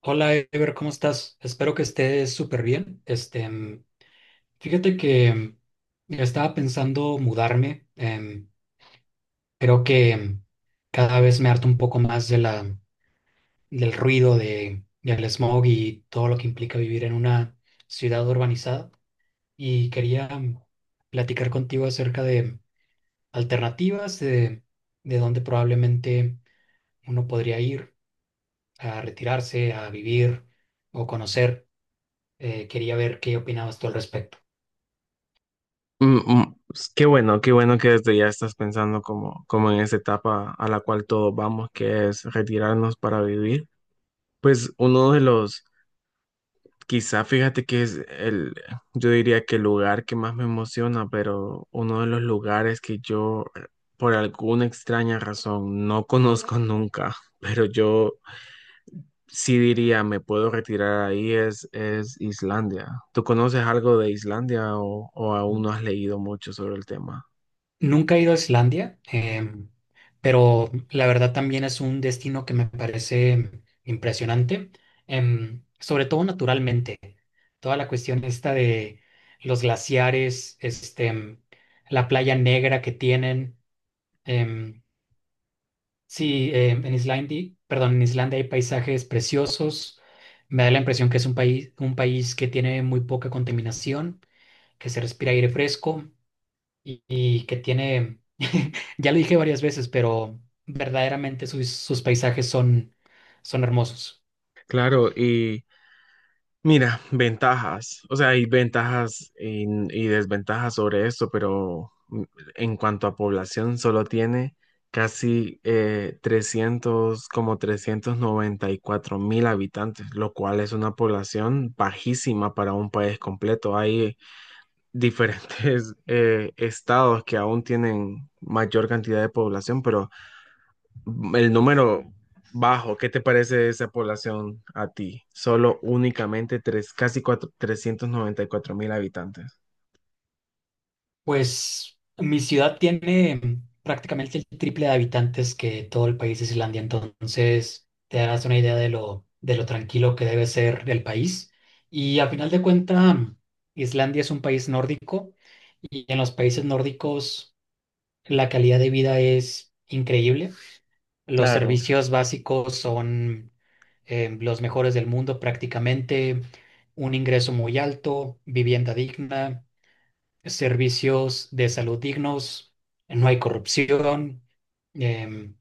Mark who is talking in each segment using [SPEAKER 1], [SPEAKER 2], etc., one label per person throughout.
[SPEAKER 1] Hola, Ever, ¿cómo estás? Espero que estés súper bien. Fíjate que estaba pensando mudarme. Creo que cada vez me harto un poco más de del ruido, del smog y todo lo que implica vivir en una ciudad urbanizada. Y quería platicar contigo acerca de alternativas, de, de dónde probablemente uno podría ir a retirarse, a vivir o conocer. Quería ver qué opinabas tú al respecto.
[SPEAKER 2] Pues, qué bueno, qué bueno que desde ya estás pensando como en esa etapa a la cual todos vamos, que es retirarnos para vivir. Pues uno de los, quizá fíjate que es el, yo diría que el lugar que más me emociona, pero uno de los lugares que yo por alguna extraña razón no conozco nunca, pero yo sí diría me puedo retirar ahí es Islandia. ¿Tú conoces algo de Islandia o aún no has leído mucho sobre el tema?
[SPEAKER 1] Nunca he ido a Islandia, pero la verdad también es un destino que me parece impresionante, sobre todo naturalmente. Toda la cuestión esta de los glaciares, la playa negra que tienen. em, en en Islandia hay paisajes preciosos. Me da la impresión que es un un país que tiene muy poca contaminación, que se respira aire fresco. Y que tiene, ya lo dije varias veces, pero verdaderamente sus paisajes son hermosos.
[SPEAKER 2] Claro, y mira, ventajas, o sea, hay ventajas y desventajas sobre esto, pero en cuanto a población, solo tiene casi 300, como 394.000 habitantes, lo cual es una población bajísima para un país completo. Hay diferentes estados que aún tienen mayor cantidad de población, pero el número bajo, ¿qué te parece esa población a ti? Solo únicamente tres, casi cuatro, 394.000 habitantes.
[SPEAKER 1] Pues mi ciudad tiene prácticamente el triple de habitantes que todo el país de Islandia, entonces te das una idea de de lo tranquilo que debe ser el país. Y a final de cuentas, Islandia es un país nórdico y en los países nórdicos la calidad de vida es increíble. Los
[SPEAKER 2] Claro.
[SPEAKER 1] servicios básicos son los mejores del mundo prácticamente, un ingreso muy alto, vivienda digna, servicios de salud dignos, no hay corrupción, em,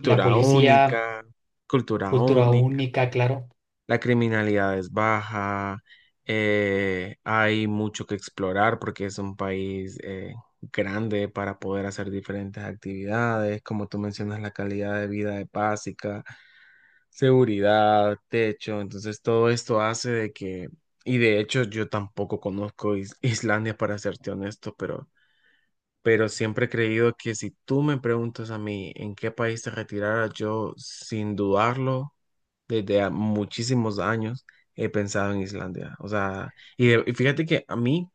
[SPEAKER 1] la policía,
[SPEAKER 2] única, cultura
[SPEAKER 1] cultura
[SPEAKER 2] única,
[SPEAKER 1] única, claro.
[SPEAKER 2] la criminalidad es baja, hay mucho que explorar porque es un país grande para poder hacer diferentes actividades, como tú mencionas, la calidad de vida es básica. Seguridad, techo, entonces todo esto hace de que, y de hecho yo tampoco conozco Islandia para serte honesto, pero siempre he creído que si tú me preguntas a mí en qué país te retirara, yo sin dudarlo, desde muchísimos años he pensado en Islandia, o sea, y fíjate que a mí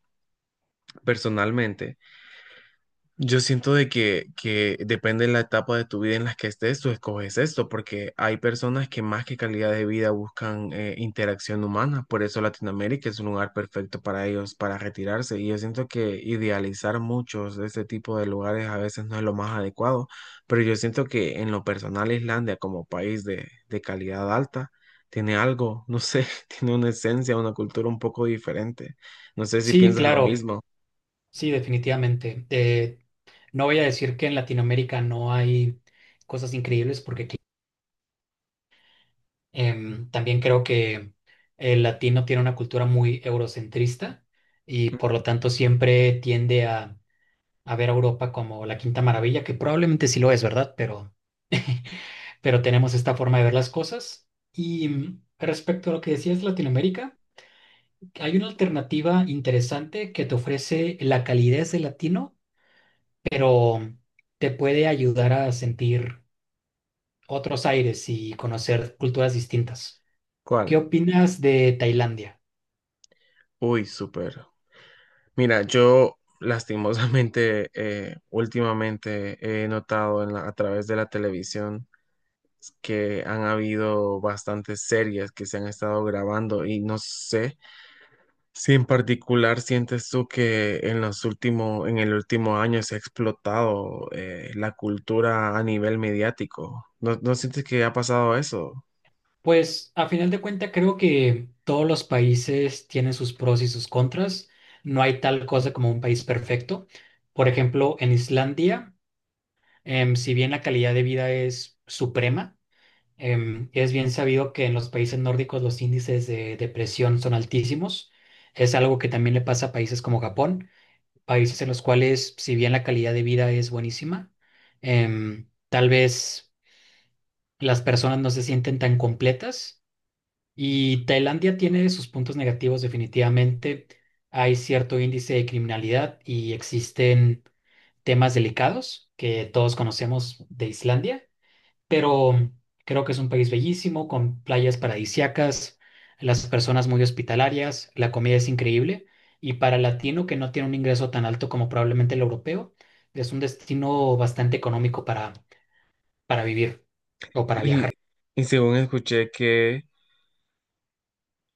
[SPEAKER 2] personalmente, yo siento de que depende de la etapa de tu vida en la que estés, tú escoges esto, porque hay personas que más que calidad de vida buscan interacción humana, por eso Latinoamérica es un lugar perfecto para ellos, para retirarse, y yo siento que idealizar muchos de este tipo de lugares a veces no es lo más adecuado, pero yo siento que en lo personal Islandia como país de calidad alta tiene algo, no sé, tiene una esencia, una cultura un poco diferente, no sé si
[SPEAKER 1] Sí,
[SPEAKER 2] piensas lo
[SPEAKER 1] claro,
[SPEAKER 2] mismo.
[SPEAKER 1] sí, definitivamente. No voy a decir que en Latinoamérica no hay cosas increíbles porque también creo que el latino tiene una cultura muy eurocentrista y por lo tanto siempre tiende a ver a Europa como la quinta maravilla, que probablemente sí lo es, ¿verdad? Pero tenemos esta forma de ver las cosas. Y mm, respecto a lo que decías, Latinoamérica, hay una alternativa interesante que te ofrece la calidez del latino, pero te puede ayudar a sentir otros aires y conocer culturas distintas. ¿Qué
[SPEAKER 2] ¿Cuál?
[SPEAKER 1] opinas de Tailandia?
[SPEAKER 2] Uy, súper. Mira, yo lastimosamente últimamente he notado en a través de la televisión que han habido bastantes series que se han estado grabando y no sé si en particular sientes tú que en los últimos, en el último año se ha explotado la cultura a nivel mediático. ¿No, no sientes que ha pasado eso?
[SPEAKER 1] Pues a final de cuentas creo que todos los países tienen sus pros y sus contras. No hay tal cosa como un país perfecto. Por ejemplo, en Islandia, si bien la calidad de vida es suprema, es bien sabido que en los países nórdicos los índices de depresión son altísimos. Es algo que también le pasa a países como Japón, países en los cuales si bien la calidad de vida es buenísima, tal vez las personas no se sienten tan completas y Tailandia tiene sus puntos negativos definitivamente. Hay cierto índice de criminalidad y existen temas delicados que todos conocemos de Islandia, pero creo que es un país bellísimo, con playas paradisíacas, las personas muy hospitalarias, la comida es increíble y para el latino que no tiene un ingreso tan alto como probablemente el europeo, es un destino bastante económico para vivir o para
[SPEAKER 2] Y,
[SPEAKER 1] viajar.
[SPEAKER 2] y según escuché que...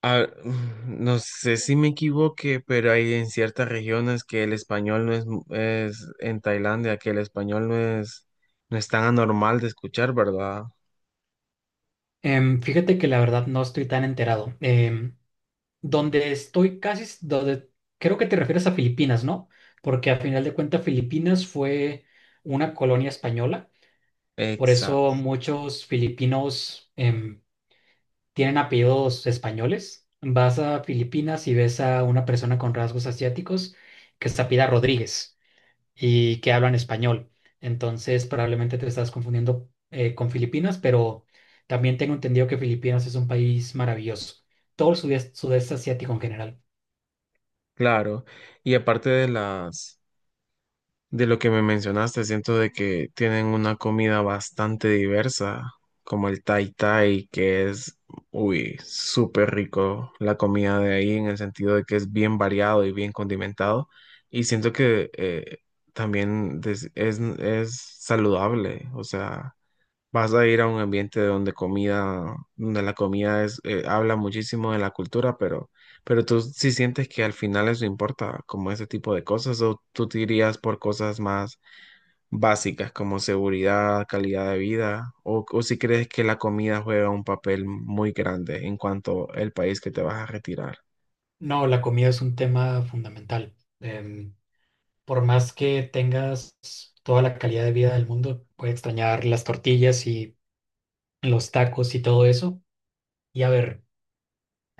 [SPEAKER 2] Ah, no sé si me equivoqué, pero hay en ciertas regiones que el español no es, es en Tailandia, que el español no es tan anormal de escuchar, ¿verdad?
[SPEAKER 1] Fíjate que la verdad no estoy tan enterado. Donde estoy casi, s- Donde creo que te refieres a Filipinas, ¿no? Porque a final de cuentas Filipinas fue una colonia española, por
[SPEAKER 2] Exacto,
[SPEAKER 1] eso muchos filipinos tienen apellidos españoles. Vas a Filipinas y ves a una persona con rasgos asiáticos que se apellida Rodríguez y que hablan español. Entonces probablemente te estás confundiendo con Filipinas, pero también tengo entendido que Filipinas es un país maravilloso, todo el sudeste asiático en general.
[SPEAKER 2] claro. Y aparte de las, de lo que me mencionaste, siento de que tienen una comida bastante diversa, como el tai tai, que es, uy, súper rico la comida de ahí, en el sentido de que es bien variado y bien condimentado. Y siento que también es saludable, o sea, vas a ir a un ambiente donde comida, donde la comida es, habla muchísimo de la cultura, pero tú sí sientes que al final eso importa, como ese tipo de cosas, o tú te irías por cosas más básicas como seguridad, calidad de vida, o si crees que la comida juega un papel muy grande en cuanto al país que te vas a retirar.
[SPEAKER 1] No, la comida es un tema fundamental. Em, por más que tengas toda la calidad de vida del mundo, puedes extrañar las tortillas y los tacos y todo eso. Y a ver,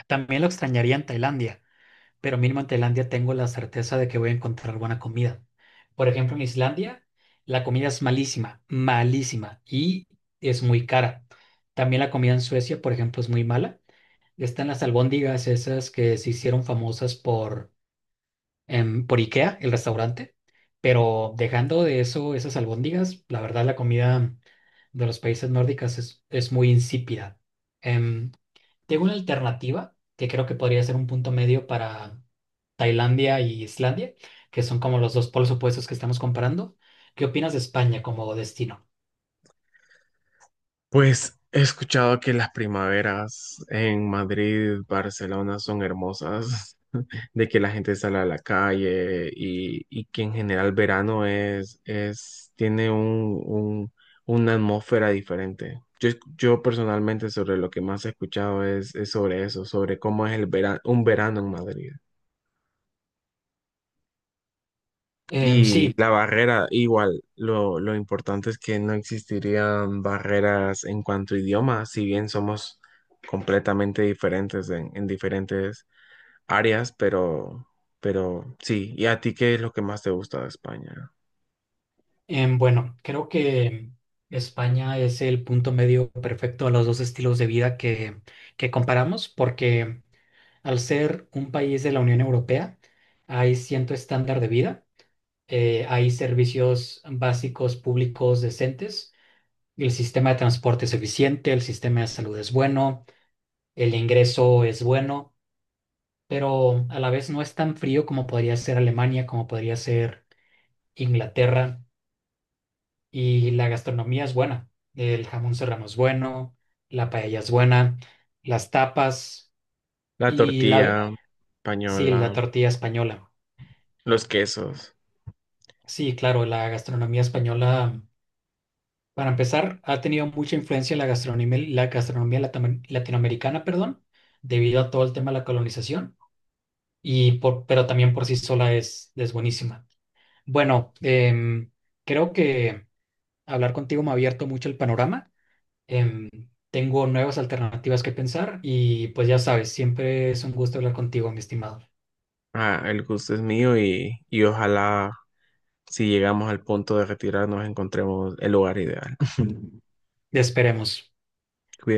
[SPEAKER 1] también lo extrañaría en Tailandia, pero mínimo en Tailandia tengo la certeza de que voy a encontrar buena comida. Por ejemplo, en Islandia, la comida es malísima, malísima y es muy cara. También la comida en Suecia, por ejemplo, es muy mala. Están las albóndigas esas que se hicieron famosas por por IKEA, el restaurante, pero dejando de eso, esas albóndigas, la verdad la comida de los países nórdicos es muy insípida. Em, Tengo una alternativa que creo que podría ser un punto medio para Tailandia y Islandia, que son como los dos polos opuestos que estamos comparando. ¿Qué opinas de España como destino?
[SPEAKER 2] Pues he escuchado que las primaveras en Madrid, Barcelona son hermosas. De que la gente sale a la calle y que en general verano tiene una atmósfera diferente. Yo personalmente sobre lo que más he escuchado es sobre eso, sobre cómo es el verano, un verano en Madrid.
[SPEAKER 1] Em,
[SPEAKER 2] Y
[SPEAKER 1] sí,
[SPEAKER 2] la barrera, igual, lo importante es que no existirían barreras en cuanto a idioma, si bien somos completamente diferentes en diferentes áreas, pero sí. ¿Y a ti qué es lo que más te gusta de España?
[SPEAKER 1] bueno, creo que España es el punto medio perfecto a los dos estilos de vida que comparamos, porque al ser un país de la Unión Europea, hay cierto estándar de vida, hay servicios básicos públicos decentes, el sistema de transporte es eficiente, el sistema de salud es bueno, el ingreso es bueno, pero a la vez no es tan frío como podría ser Alemania, como podría ser Inglaterra, y la gastronomía es buena. El jamón serrano es bueno, la paella es buena, las tapas
[SPEAKER 2] La
[SPEAKER 1] y
[SPEAKER 2] tortilla
[SPEAKER 1] sí, la
[SPEAKER 2] española,
[SPEAKER 1] tortilla española.
[SPEAKER 2] los quesos.
[SPEAKER 1] Sí, claro, la gastronomía española, para empezar, ha tenido mucha influencia en la la gastronomía latinoamericana, perdón, debido a todo el tema de la colonización, y pero también por sí sola es buenísima. Bueno, creo que hablar contigo me ha abierto mucho el panorama. em, Tengo nuevas alternativas que pensar y pues ya sabes, siempre es un gusto hablar contigo, mi estimado.
[SPEAKER 2] Ah, el gusto es mío y ojalá si llegamos al punto de retirarnos encontremos el lugar ideal.
[SPEAKER 1] Te esperemos.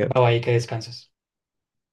[SPEAKER 1] Bye bye, que descanses.